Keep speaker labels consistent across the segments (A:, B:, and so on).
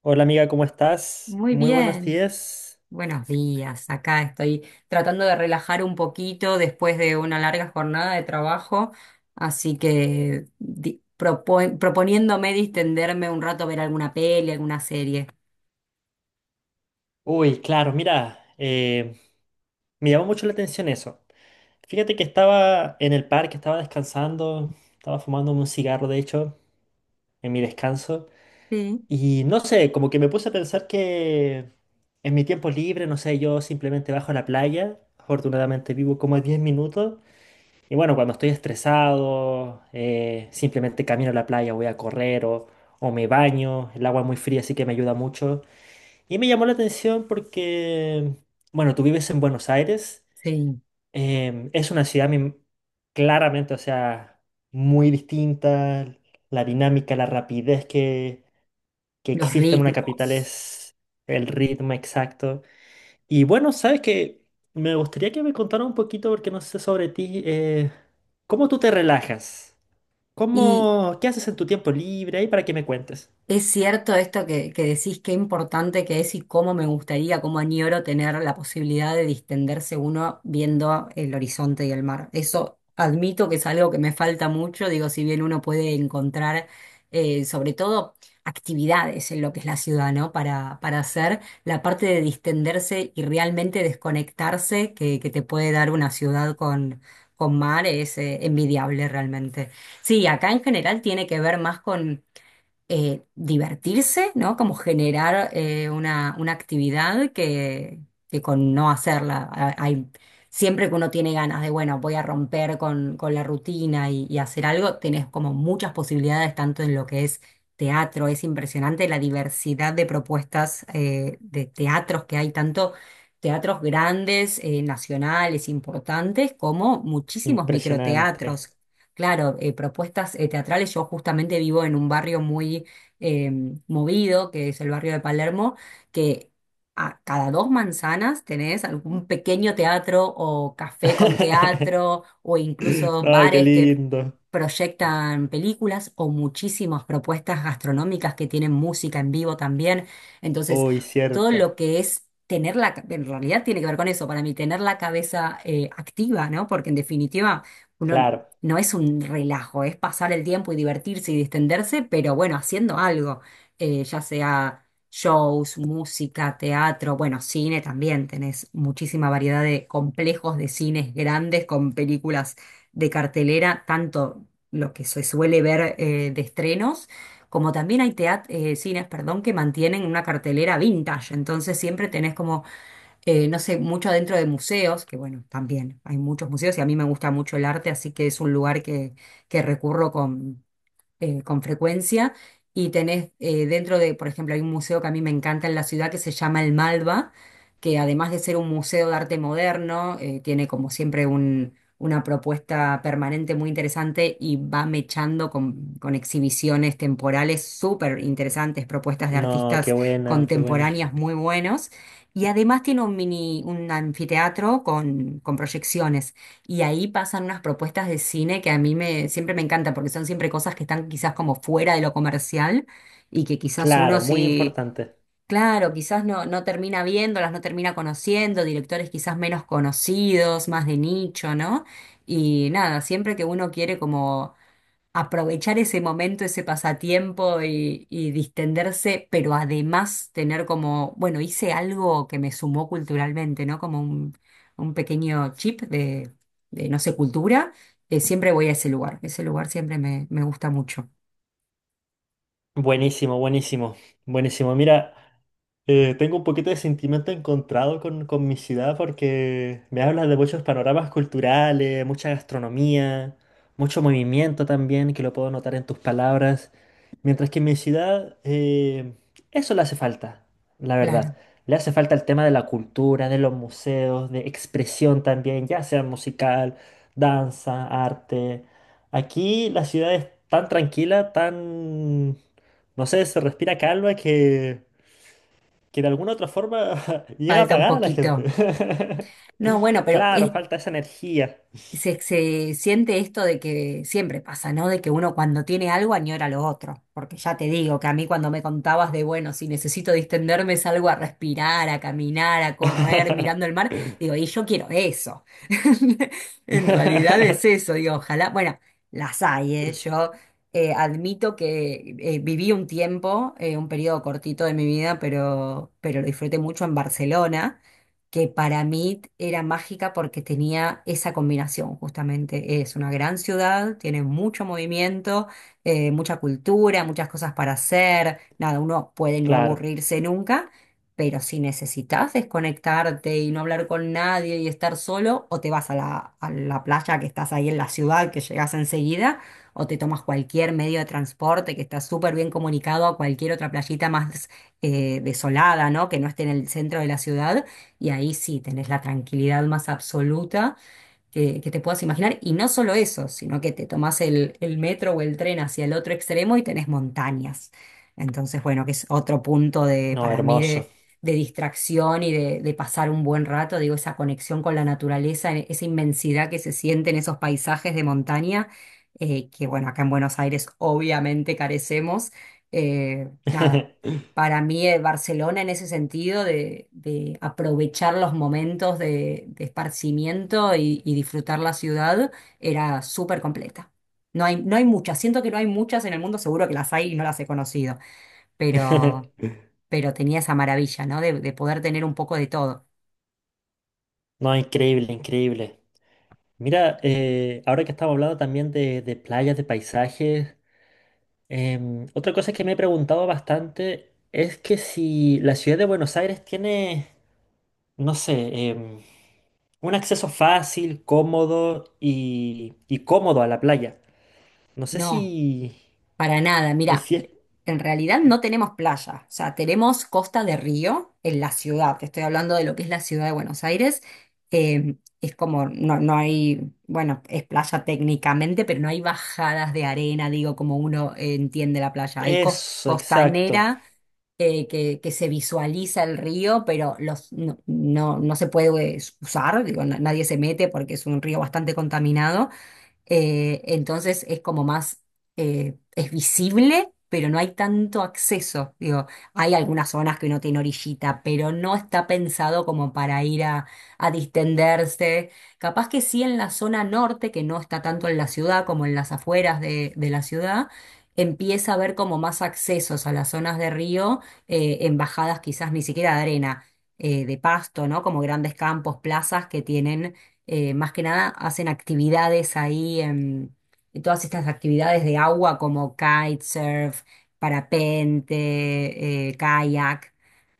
A: Hola amiga, ¿cómo estás?
B: Muy
A: Muy buenos
B: bien,
A: días.
B: buenos días. Acá estoy tratando de relajar un poquito después de una larga jornada de trabajo, así que proponiéndome distenderme un rato a ver alguna peli, alguna serie.
A: Uy, claro, mira, me llamó mucho la atención eso. Fíjate que estaba en el parque, estaba descansando, estaba fumándome un cigarro, de hecho, en mi descanso.
B: Sí.
A: Y no sé, como que me puse a pensar que en mi tiempo libre, no sé, yo simplemente bajo a la playa. Afortunadamente vivo como a 10 minutos. Y bueno, cuando estoy estresado, simplemente camino a la playa, voy a correr o me baño. El agua es muy fría, así que me ayuda mucho. Y me llamó la atención porque, bueno, tú vives en Buenos Aires,
B: Sí,
A: es una ciudad claramente, o sea, muy distinta, la dinámica, la rapidez que
B: los
A: existe en una capital
B: ritmos.
A: es el ritmo exacto. Y bueno, sabes que me gustaría que me contara un poquito, porque no sé sobre ti, ¿cómo tú te relajas?
B: Y
A: ¿Cómo, qué haces en tu tiempo libre? Ahí para que me cuentes.
B: Es cierto esto que decís, qué importante que es y cómo me gustaría, cómo añoro tener la posibilidad de distenderse uno viendo el horizonte y el mar. Eso admito que es algo que me falta mucho, digo, si bien uno puede encontrar sobre todo actividades en lo que es la ciudad, ¿no? Para hacer la parte de distenderse y realmente desconectarse que te puede dar una ciudad con mar es envidiable realmente. Sí, acá en general tiene que ver más con divertirse, ¿no? Como generar una actividad que con no hacerla. Hay, siempre que uno tiene ganas de, bueno, voy a romper con la rutina y hacer algo, tenés como muchas posibilidades, tanto en lo que es teatro, es impresionante la diversidad de propuestas de teatros que hay, tanto teatros grandes, nacionales, importantes, como muchísimos
A: Impresionante.
B: microteatros. Claro, propuestas teatrales. Yo justamente vivo en un barrio muy eh, movido, que es el barrio de Palermo, que a cada dos manzanas tenés algún pequeño teatro o café con teatro o incluso
A: No, qué
B: bares que
A: lindo.
B: proyectan películas o muchísimas propuestas gastronómicas que tienen música en vivo también. Entonces,
A: Uy,
B: todo
A: cierto.
B: lo que es. Tener en realidad tiene que ver con eso, para mí, tener la cabeza activa, ¿no? Porque en definitiva, uno
A: Claro.
B: no es un relajo, es pasar el tiempo y divertirse y distenderse, pero bueno, haciendo algo, ya sea shows, música, teatro, bueno, cine también, tenés muchísima variedad de complejos de cines grandes con películas de cartelera, tanto lo que se suele ver de estrenos. Como también hay cines, perdón, que mantienen una cartelera vintage, entonces siempre tenés como no sé, mucho adentro de museos, que bueno, también hay muchos museos y a mí me gusta mucho el arte, así que es un lugar que recurro con frecuencia y tenés dentro de, por ejemplo, hay un museo que a mí me encanta en la ciudad que se llama el Malva, que además de ser un museo de arte moderno, tiene como siempre una propuesta permanente muy interesante y va mechando con exhibiciones temporales súper interesantes, propuestas de
A: No, qué
B: artistas
A: buena, qué buena.
B: contemporáneas muy buenos. Y además tiene un mini, un anfiteatro con proyecciones. Y ahí pasan unas propuestas de cine que a siempre me encanta, porque son siempre cosas que están quizás como fuera de lo comercial y que quizás uno
A: Claro, muy
B: si,
A: importante.
B: claro, quizás no termina viéndolas, no termina conociendo, directores quizás menos conocidos, más de nicho, ¿no? Y nada, siempre que uno quiere como aprovechar ese momento, ese pasatiempo y distenderse, pero además tener como, bueno, hice algo que me sumó culturalmente, ¿no? Como un pequeño chip no sé, cultura, siempre voy a ese lugar siempre me gusta mucho,
A: Buenísimo, buenísimo. Buenísimo. Mira. Tengo un poquito de sentimiento encontrado con mi ciudad porque me habla de muchos panoramas culturales, mucha gastronomía, mucho movimiento también, que lo puedo notar en tus palabras. Mientras que en mi ciudad eso le hace falta, la verdad.
B: claro,
A: Le hace falta el tema de la cultura, de los museos, de expresión también, ya sea musical, danza, arte. Aquí la ciudad es tan tranquila, tan, no sé, se respira calma que de alguna otra forma llega a
B: falta un
A: pagar a la gente.
B: poquito. No, bueno, pero es,
A: Claro, falta esa energía.
B: se siente esto de que siempre pasa, ¿no? De que uno cuando tiene algo añora lo otro. Porque ya te digo que a mí cuando me contabas de, bueno, si necesito distenderme, salgo a respirar, a caminar, a correr, mirando el mar, digo, y yo quiero eso. En realidad es eso, digo, ojalá, bueno, las hay, ¿eh? Yo admito que viví un tiempo, un periodo cortito de mi vida, pero lo disfruté mucho en Barcelona que para mí era mágica porque tenía esa combinación, justamente. Es una gran ciudad, tiene mucho movimiento, mucha cultura, muchas cosas para hacer. Nada, uno puede no
A: Claro,
B: aburrirse nunca, pero si necesitas desconectarte y no hablar con nadie y estar solo, o te vas a a la playa que estás ahí en la ciudad, que llegas enseguida, o te tomas cualquier medio de transporte que está súper bien comunicado a cualquier otra playita más desolada, ¿no? Que no esté en el centro de la ciudad y ahí sí tenés la tranquilidad más absoluta que te puedas imaginar. Y no solo eso, sino que te tomás el metro o el tren hacia el otro extremo y tenés montañas. Entonces, bueno, que es otro punto de,
A: no,
B: para mí
A: hermoso.
B: de distracción y de pasar un buen rato. Digo, esa conexión con la naturaleza, esa inmensidad que se siente en esos paisajes de montaña, que bueno, acá en Buenos Aires obviamente carecemos. Nada, para mí, Barcelona en ese sentido de aprovechar los momentos de esparcimiento y disfrutar la ciudad era súper completa. No hay, no hay muchas, siento que no hay muchas en el mundo, seguro que las hay y no las he conocido, pero, pero tenía esa maravilla, ¿no? De poder tener un poco de todo.
A: No, increíble, increíble. Mira, ahora que estamos hablando también de playas, de paisajes, otra cosa que me he preguntado bastante es que si la ciudad de Buenos Aires tiene, no sé, em, un acceso fácil, cómodo y cómodo a la playa. No sé
B: No,
A: si,
B: para nada.
A: es,
B: Mira.
A: si es
B: En realidad no tenemos playa, o sea, tenemos costa de río en la ciudad. Te estoy hablando de lo que es la ciudad de Buenos Aires. Es como, no, no hay, bueno, es playa técnicamente, pero no hay bajadas de arena, digo, como uno entiende la playa. Hay
A: eso, exacto,
B: costanera que se visualiza el río, pero los, no se puede usar, digo, nadie se mete porque es un río bastante contaminado. Entonces es como más, es visible, pero no hay tanto acceso. Digo, hay algunas zonas que no tiene orillita, pero no está pensado como para ir a distenderse. Capaz que sí en la zona norte, que no está tanto en la ciudad como en las afueras de la ciudad, empieza a haber como más accesos a las zonas de río, en bajadas quizás ni siquiera de arena. De pasto, ¿no? Como grandes campos, plazas que tienen más que nada hacen actividades ahí, en todas estas actividades de agua como kitesurf, parapente, kayak.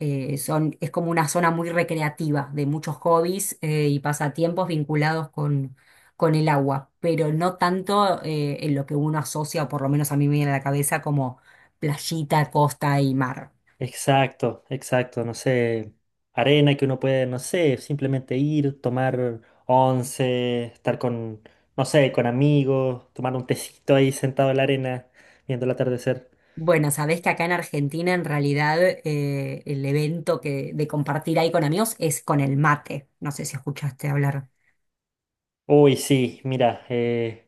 B: Son, es como una zona muy recreativa de muchos hobbies y pasatiempos vinculados con el agua, pero no tanto en lo que uno asocia, o por lo menos a mí me viene a la cabeza, como playita, costa y mar.
A: exacto, exacto, no sé, arena que uno puede, no sé, simplemente ir, tomar once, estar con, no sé, con amigos, tomar un tecito ahí sentado en la arena, viendo el atardecer.
B: Bueno, sabés que acá en Argentina en realidad el evento que, de compartir ahí con amigos es con el mate. No sé si escuchaste hablar.
A: Uy, sí, mira,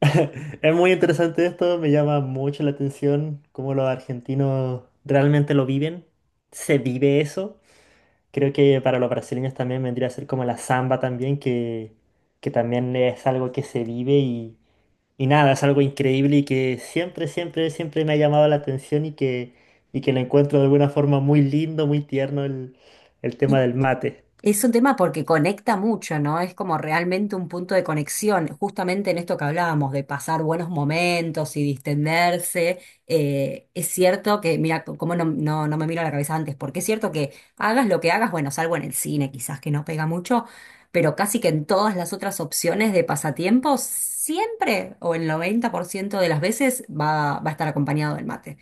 A: es muy interesante esto, me llama mucho la atención cómo los argentinos realmente lo viven, se vive eso. Creo que para los brasileños también vendría a ser como la samba también, que también es algo que se vive y nada, es algo increíble y que siempre, siempre, siempre me ha llamado la atención y que lo encuentro de alguna forma muy lindo, muy tierno el tema del mate.
B: Es un tema porque conecta mucho, ¿no? Es como realmente un punto de conexión, justamente en esto que hablábamos de pasar buenos momentos y distenderse. Es cierto que, mira, como no, no me miro a la cabeza antes, porque es cierto que hagas lo que hagas, bueno, salvo en el cine quizás que no pega mucho, pero casi que en todas las otras opciones de pasatiempos, siempre o el 90% de las veces va a estar acompañado del mate.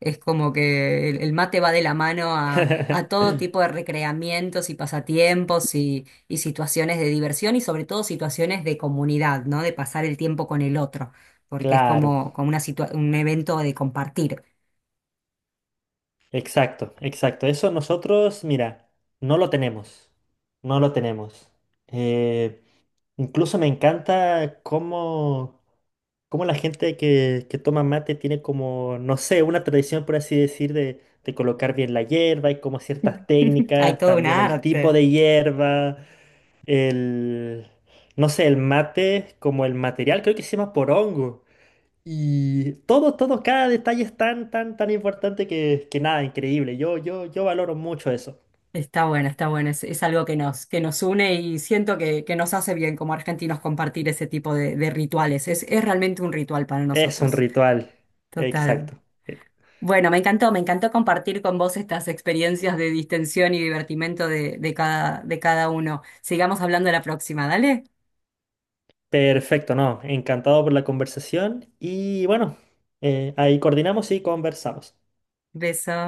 B: Es como que el mate va de la mano a todo tipo de recreamientos y pasatiempos y situaciones de diversión y sobre todo situaciones de comunidad, ¿no? De pasar el tiempo con el otro, porque es
A: Claro.
B: como, como una un evento de compartir.
A: Exacto, exacto. Eso nosotros, mira, no lo tenemos. No lo tenemos. Eh, incluso me encanta cómo, cómo la gente que toma mate tiene como, no sé, una tradición, por así decir, de colocar bien la hierba y como ciertas
B: Hay
A: técnicas,
B: todo un
A: también el tipo
B: arte.
A: de hierba, el, no sé, el mate como el material, creo que se llama porongo. Y todo, todo, cada detalle es tan, tan, tan importante que nada, increíble. Yo valoro mucho eso.
B: Está bueno, está bueno. Es algo que que nos une y siento que nos hace bien como argentinos compartir ese tipo de rituales. Es realmente un ritual para
A: Es un
B: nosotros.
A: ritual.
B: Total.
A: Exacto. Eh,
B: Bueno, me encantó compartir con vos estas experiencias de distensión y divertimento de cada uno. Sigamos hablando la próxima, dale.
A: perfecto, no. Encantado por la conversación. Y bueno, ahí coordinamos y conversamos.
B: Beso.